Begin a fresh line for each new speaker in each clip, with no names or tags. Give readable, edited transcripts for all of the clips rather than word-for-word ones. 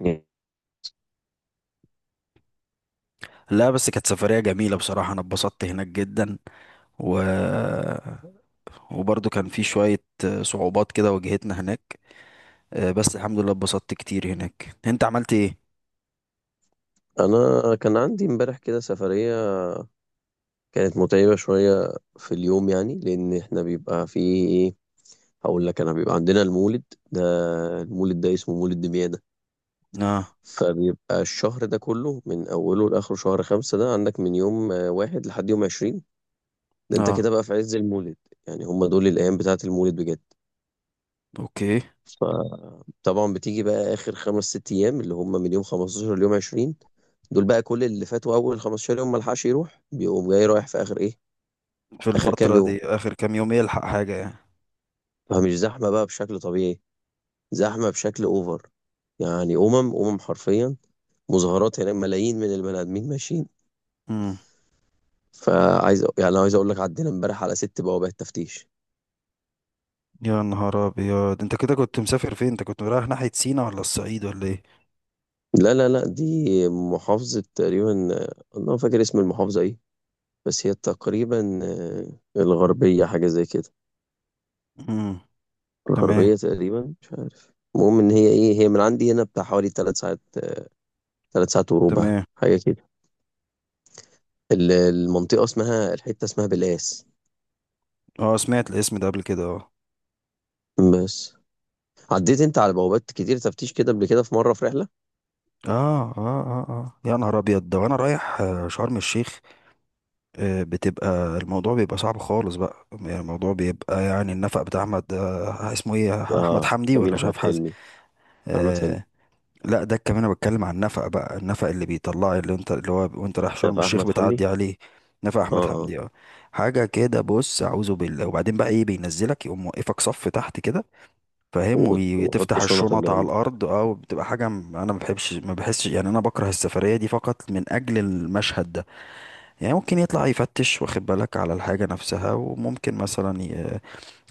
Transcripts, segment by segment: يعني
لا، بس كانت سفرية جميلة. بصراحة أنا اتبسطت هناك جدا. و... وبرضو كان في شوية صعوبات كده واجهتنا هناك. آه، بس الحمد لله اتبسطت كتير هناك. أنت عملت إيه؟
انا كان عندي امبارح كده سفريه كانت متعبه شويه في اليوم. يعني لان احنا بيبقى في ايه هقول لك انا بيبقى عندنا المولد ده. المولد ده اسمه مولد دمياده.
آه
فبيبقى الشهر ده كله من اوله لاخره شهر خمسة ده عندك من يوم واحد لحد يوم عشرين. ده انت
آه،
كده بقى في عز المولد. يعني هم دول الايام بتاعه المولد بجد.
أوكي.
فطبعا بتيجي بقى اخر خمس ست ايام اللي هم من يوم 15 ليوم 20. دول بقى كل اللي فاتوا اول 15 يوم ملحقش يروح، بيقوم جاي رايح في اخر ايه.
في
آخر كام
الفترة
يوم.
دي آخر كام يوم يلحق حاجة يعني؟
فمش زحمة بقى بشكل طبيعي، زحمة بشكل أوفر. يعني أمم أمم حرفيا مظاهرات هناك، ملايين من البني آدمين ماشيين.
مم.
فعايز يعني أنا عايز أقول لك عدينا امبارح على ست بوابات تفتيش.
يا نهار أبيض، أنت كده كنت مسافر فين؟ أنت كنت رايح ناحية سينا ولا الصعيد ولا إيه؟
لا لا لا دي محافظة تقريبا. أنا ما فاكر اسم المحافظة إيه. بس هي تقريبا الغربية حاجة زي كده.
مم. تمام.
الغربية تقريبا مش عارف. المهم إن هي إيه، هي من عندي هنا بتاع حوالي تلات ساعات. تلات ساعات وربع
تمام.
حاجة كده. المنطقة اسمها، الحتة اسمها بلاس.
أه، سمعت الاسم ده قبل كده، أه.
بس عديت انت على بوابات كتير تفتيش كده قبل كده في مرة في رحلة؟
آه آه آه آه، يا نهار أبيض، ده وأنا رايح شرم الشيخ. آه، بتبقى الموضوع بيبقى صعب خالص بقى. يعني الموضوع بيبقى، يعني النفق بتاع احمد اسمه ايه، احمد
اه
حمدي ولا
كمين
مش عارف
احمد
حازم.
حلمي. احمد حلمي.
آه. لا، ده كمان انا بتكلم عن النفق بقى، النفق اللي بيطلع، اللي انت اللي هو وانت رايح
ده
شرم
في
الشيخ
احمد حمدي.
بتعدي عليه. نفق
اه
احمد
اه.
حمدي، اه. حاجه كده، بص، اعوذ بالله. وبعدين بقى ايه، بينزلك يقوم موقفك صف تحت كده، فاهم؟
وحط
وتفتح
شنطك
الشنط على
جنبك.
الارض، اه. وبتبقى حاجه انا ما بحبش، ما بحسش يعني، انا بكره السفريه دي فقط من اجل المشهد ده. يعني ممكن يطلع يفتش واخد بالك على الحاجة نفسها، وممكن مثلا ي...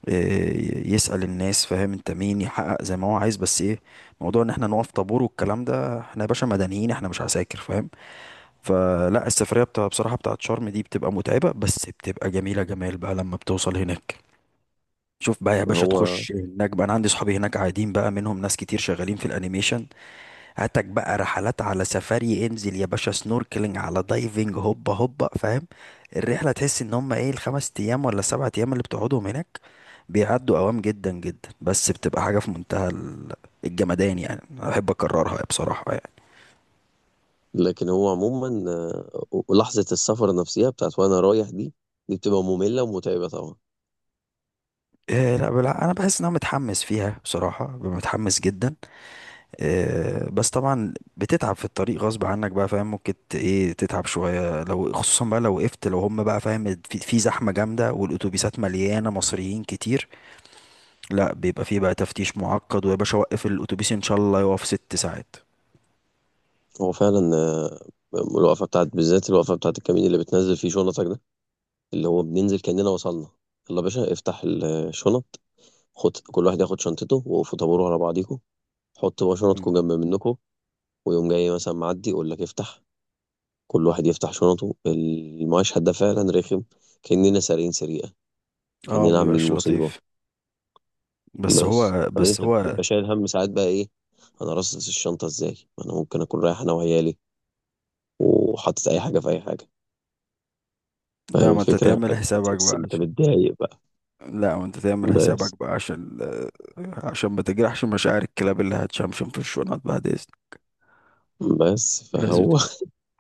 ي- يسأل الناس فاهم انت مين، يحقق زي ما هو عايز. بس ايه، موضوع ان احنا نقف طابور والكلام ده، احنا يا باشا مدنيين، احنا مش عساكر فاهم. فلا، السفرية بصراحة بتاعت شرم دي بتبقى متعبة، بس بتبقى جميلة، جمال بقى لما بتوصل هناك. شوف بقى يا
ما
باشا،
هو.
تخش هناك بقى، انا عندي صحابي هناك قاعدين بقى، منهم ناس كتير شغالين في الانيميشن. هاتك بقى رحلات على سفاري، انزل يا باشا سنوركلينج على دايفنج، هوبا هوبا فاهم. الرحلة تحس ان هم ايه، الخمس ايام ولا سبعة ايام اللي بتقعدهم هناك بيعدوا اوام جدا جدا، بس بتبقى حاجة في منتهى الجمدان يعني. انا بحب اكررها بصراحة يعني.
لكن هو عموما ولحظة السفر نفسها بتاعت وانا رايح دي بتبقى مملة ومتعبة طبعا.
إيه لا بلا، انا بحس ان انا متحمس فيها بصراحة، ببقى متحمس جدا. آه، بس طبعا بتتعب في الطريق غصب عنك بقى فاهم. ممكن ايه تتعب شوية، لو خصوصا بقى لو وقفت، لو هم بقى فاهم في زحمة جامدة والاتوبيسات مليانة مصريين كتير، لا بيبقى فيه بقى تفتيش معقد، ويا باشا، وقف الاتوبيس ان شاء الله يقف ست ساعات.
هو فعلا الوقفة بتاعت، بالذات الوقفة بتاعت الكمين اللي بتنزل فيه شنطك ده. اللي هو بننزل كأننا وصلنا. يلا يا باشا افتح الشنط. خد، كل واحد ياخد شنطته، وقفوا طابور على بعضيكم. حطوا بقى
مم.
شنطكم جنب منكم. ويقوم جاي مثلا معدي يقول لك افتح، كل واحد يفتح شنطه. المشهد ده فعلا رخم. كأننا سارقين سرقة.
اه،
كأننا عاملين
مبيبقاش
مصيبة.
لطيف. بس
بس
هو
بعدين
بس
انت
هو
بتبقى شايل هم ساعات بقى ايه. انا رصص الشنطة ازاي، ما انا ممكن اكون رايح انا وعيالي وحاطط اي حاجة في اي حاجة. فاهم
لا، ما انت
الفكرة.
تعمل
فانت
حسابك
تحس
بقى
انت
عشان،
متضايق بقى.
لا ما انت تعمل
بس
حسابك بقى عشان عشان ما تجرحش مشاعر الكلاب اللي هتشمشم في الشنط بعد.
بس
لازم
فهو
تبقى،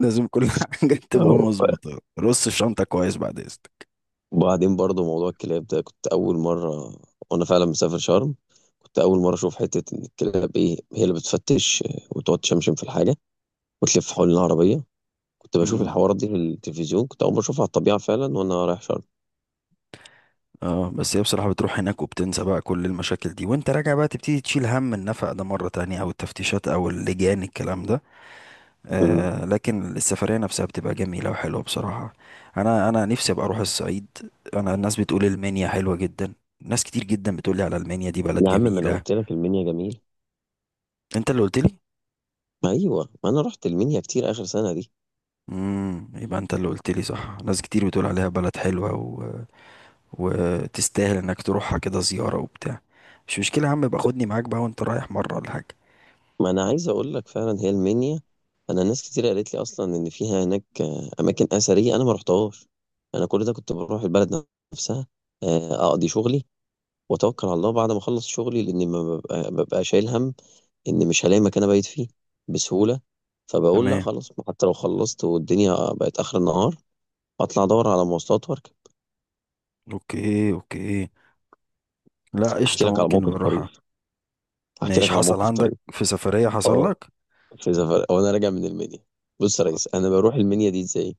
لازم كل حاجة تبقى
أهو.
مظبوطة، رص الشنطة كويس بعد إذنك.
وبعدين برضو موضوع الكلاب ده كنت أول مرة وأنا فعلا مسافر شرم. كنت أول مرة أشوف حتة إن الكلاب إيه هي اللي بتفتش وتقعد تشمشم في الحاجة وتلف حول العربية. كنت بشوف
مم.
الحوارات دي في التلفزيون، كنت أول مرة أشوفها على الطبيعة فعلا وأنا رايح شرم.
اه، بس هي بصراحة بتروح هناك وبتنسى بقى كل المشاكل دي. وانت راجع بقى تبتدي تشيل هم النفق ده مرة تانية، او التفتيشات، او اللجان، الكلام ده.
مم.
آه، لكن السفرية نفسها بتبقى جميلة وحلوة بصراحة. انا نفسي ابقى اروح الصعيد. انا الناس بتقول المنيا حلوة جدا. ناس كتير جدا بتقول لي على المنيا دي بلد
يا عم ما أنا
جميلة.
قلت لك المنيا جميل.
انت اللي قلت لي.
ما أيوه، ما أنا رحت المنيا كتير آخر سنة دي.
امم، يبقى انت اللي قلت لي، صح. ناس كتير بتقول عليها بلد حلوة، وتستاهل انك تروحها كده زيارة وبتاع. مش مشكلة يا عم، يبقى خدني معاك بقى وانت رايح مرة ولا حاجة.
ما أنا عايز أقول لك فعلا هي المنيا. أنا ناس كتير قالت لي أصلا إن فيها هناك أماكن أثرية أنا ما رحتهاش. أنا كل ده كنت بروح البلد نفسها أقضي شغلي واتوكل على الله بعد ما اخلص شغلي. لان ما ببقى, ببقى شايل هم ان مش هلاقي مكان ابيت فيه بسهوله. فبقول لا
تمام.
خلاص، حتى لو خلصت والدنيا بقت اخر النهار اطلع ادور على مواصلات واركب.
اوكي، اوكي. لا،
احكي
قشطة،
لك على
ممكن
موقف
نروحها.
طريف احكي
ماشي،
لك على
حصل
موقف طريف
عندك في سفرية حصل
اه
لك؟
في سفر وانا راجع من المنيا. بص يا
طيب.
ريس، انا بروح المنيا دي ازاي.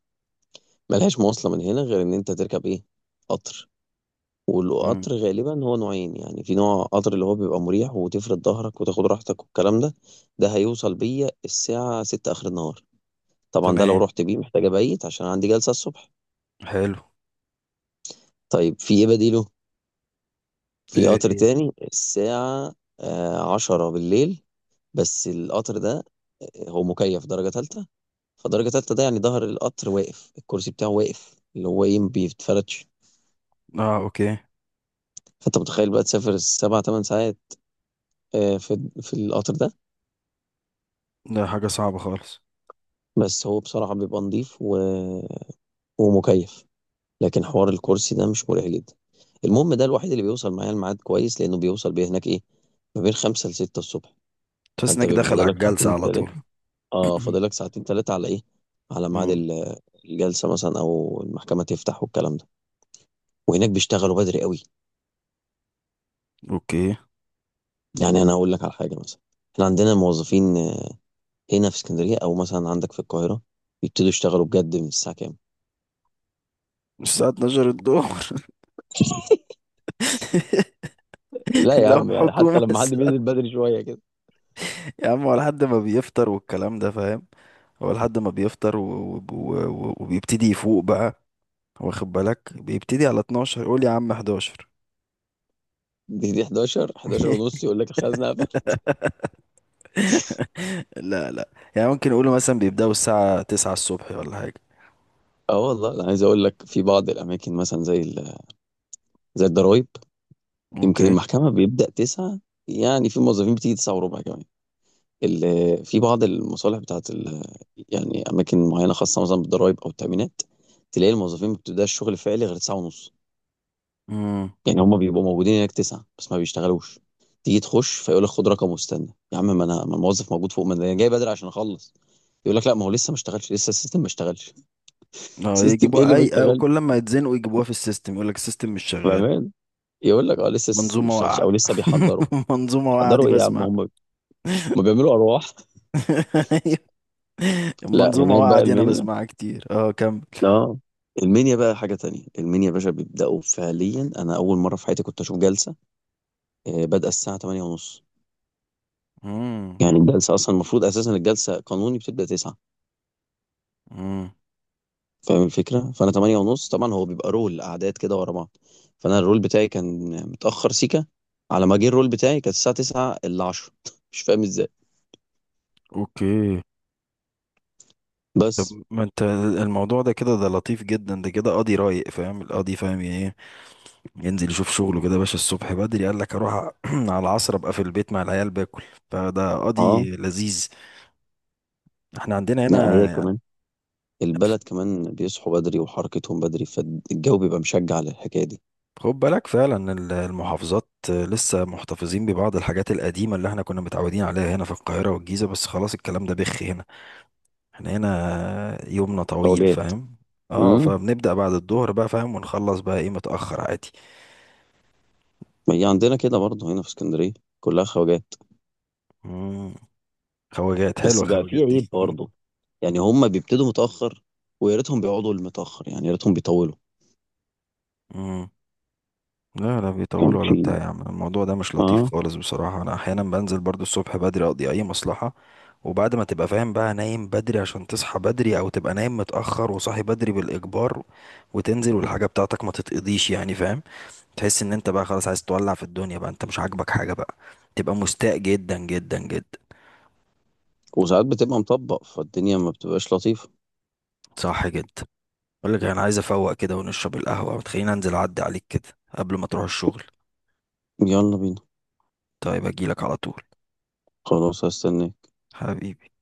ملهاش مواصله من هنا غير ان انت تركب ايه؟ قطر.
مم.
والقطر غالبا هو نوعين. يعني في نوع قطر اللي هو بيبقى مريح وتفرد ظهرك وتاخد راحتك والكلام ده. ده هيوصل بيا الساعة ستة آخر النهار. طبعا ده لو
تمام.
رحت بيه محتاج ابيت عشان عندي جلسة الصبح.
حلو.
طيب في ايه بديله. في
ايه،
قطر
ايه.
تاني الساعة عشرة بالليل. بس القطر ده هو مكيف درجة تالتة. فدرجة تالتة ده يعني ظهر القطر واقف، الكرسي بتاعه واقف، اللي هو ايه، ما بيتفرتش.
اه، اوكي.
فانت متخيل بقى تسافر سبع تمن ساعات في القطر ده.
ده حاجة صعبة خالص.
بس هو بصراحة بيبقى نظيف و... ومكيف. لكن حوار الكرسي ده مش مريح جدا. المهم ده الوحيد اللي بيوصل معايا الميعاد كويس، لانه بيوصل بيه هناك ايه ما بين خمسة لستة الصبح.
تحس
فانت
انك
بيبقى
داخل على
فاضلك
الجلسة
ساعتين
على
تلاتة.
طول.
اه فاضلك ساعتين تلاتة على ايه، على ميعاد
مم.
الجلسة مثلا او المحكمة تفتح والكلام ده. وهناك بيشتغلوا بدري قوي.
اوكي.
يعني انا اقول لك على حاجة مثلا. احنا عندنا الموظفين هنا في اسكندرية او مثلا عندك في القاهرة بيبتدوا يشتغلوا بجد من الساعة كام؟
الساعة 12 الظهر؟
لا يا
لو
عم، يعني حتى
حكومة
لما حد بينزل بدري شوية كده.
يا عم هو لحد ما بيفطر والكلام ده فاهم. هو لحد ما بيفطر وبيبتدي يفوق بقى. واخد بالك بيبتدي على 12، قول يا عم 11.
دي 11 ونص، يقول لك الخزنة.
لا لا. يعني ممكن يقولوا مثلا بيبدأوا الساعة 9 الصبح ولا حاجة.
اه والله انا عايز اقول لك في بعض الاماكن مثلا زي زي الضرايب يمكن
اوكي.
المحكمه بيبدا تسعة. يعني في موظفين بتيجي تسعة وربع كمان. في بعض المصالح بتاعت يعني اماكن معينه خاصه مثلا بالضرايب او التامينات، تلاقي الموظفين ما بتبداش شغل فعلي غير تسعة ونص.
امم.
يعني هم بيبقوا موجودين هناك تسعة بس ما بيشتغلوش. تيجي تخش فيقول لك خد رقم واستنى يا عم، ما انا، ما الموظف موجود فوق، ما انا جاي بدري عشان اخلص. يقول لك لا ما هو لسه ما اشتغلش، لسه السيستم ما اشتغلش.
اه،
سيستم ايه
يجيبوها
اللي ما
اي، او كل ما يتزنقوا يجيبوها في السيستم، يقول لك السيستم مش شغال.
اشتغلش؟ يقول لك اه لسه ما
منظومة
اشتغلش
واقعة.
او لسه بيحضروا.
منظومة واقعة دي
بيحضروا ايه يا عم؟
بسمع.
هم بيعملوا ارواح. لا
المنظومة
هناك
واقعة
بقى
دي انا
المنيا.
بسمعها كتير. اه، كمل.
اه المنيا بقى حاجه تانية. المنيا يا باشا بيبداوا فعليا. انا اول مره في حياتي كنت اشوف جلسه بادئه الساعه 8 ونص. يعني الجلسه اصلا المفروض اساسا الجلسه قانوني بتبدا 9.
امم.
فاهم الفكره، فانا 8 ونص طبعا. هو بيبقى رول اعداد كده ورا بعض. فانا الرول بتاعي كان متاخر سيكا. على ما جه الرول بتاعي كانت الساعه 9 الا 10. مش فاهم ازاي.
اوكي.
بس
ما انت الموضوع ده كده، ده لطيف جدا. ده كده قاضي رايق فاهم. القاضي فاهم يعني ايه، ينزل يشوف شغله كده يا باشا الصبح بدري، قال لك اروح على العصر ابقى في البيت مع العيال باكل. فده
اه
قاضي لذيذ. احنا عندنا
لا
هنا
هي
يعني.
كمان، البلد كمان بيصحوا بدري وحركتهم بدري، فالجو بيبقى مشجع للحكاية دي.
خد بالك فعلا المحافظات لسه محتفظين ببعض الحاجات القديمة اللي احنا كنا متعودين عليها هنا في القاهرة والجيزة، بس خلاص الكلام ده بخ هنا. احنا هنا يومنا طويل
خواجات.
فاهم. اه،
امم،
فبنبدأ بعد الظهر بقى فاهم، ونخلص بقى ايه متأخر عادي.
ما هي عندنا كده برضه هنا في اسكندرية كلها خواجات.
مم. خواجات
بس
حلوة،
بقى في
خواجات
عيب
دي
برضه. يعني هم بيبتدوا متأخر ويا ريتهم بيقعدوا المتأخر، يعني يا ريتهم بيطولوا.
مم. لا لا،
كان
بيطولوا ولا
في
بتاع يا عم، الموضوع ده مش لطيف
اه.
خالص بصراحة. أنا أحيانا بنزل برضو الصبح بدري أقضي أي مصلحة. وبعد ما تبقى فاهم بقى نايم بدري عشان تصحى بدري، أو تبقى نايم متأخر وصاحي بدري بالإجبار، وتنزل والحاجة بتاعتك ما تتقضيش يعني فاهم. تحس إن أنت بقى خلاص عايز تولع في الدنيا بقى، أنت مش عاجبك حاجة بقى. تبقى مستاء جدا جدا جدا.
وساعات بتبقى مطبق، فالدنيا ما بتبقاش لطيفة.
صح جدا. أقول لك أنا عايز أفوق كده ونشرب القهوة، وتخليني أنزل أعدي عليك كده قبل ما تروح الشغل.
يلا بينا.
طيب، أجيلك على طول.
خلاص هستناك.
حبيبي.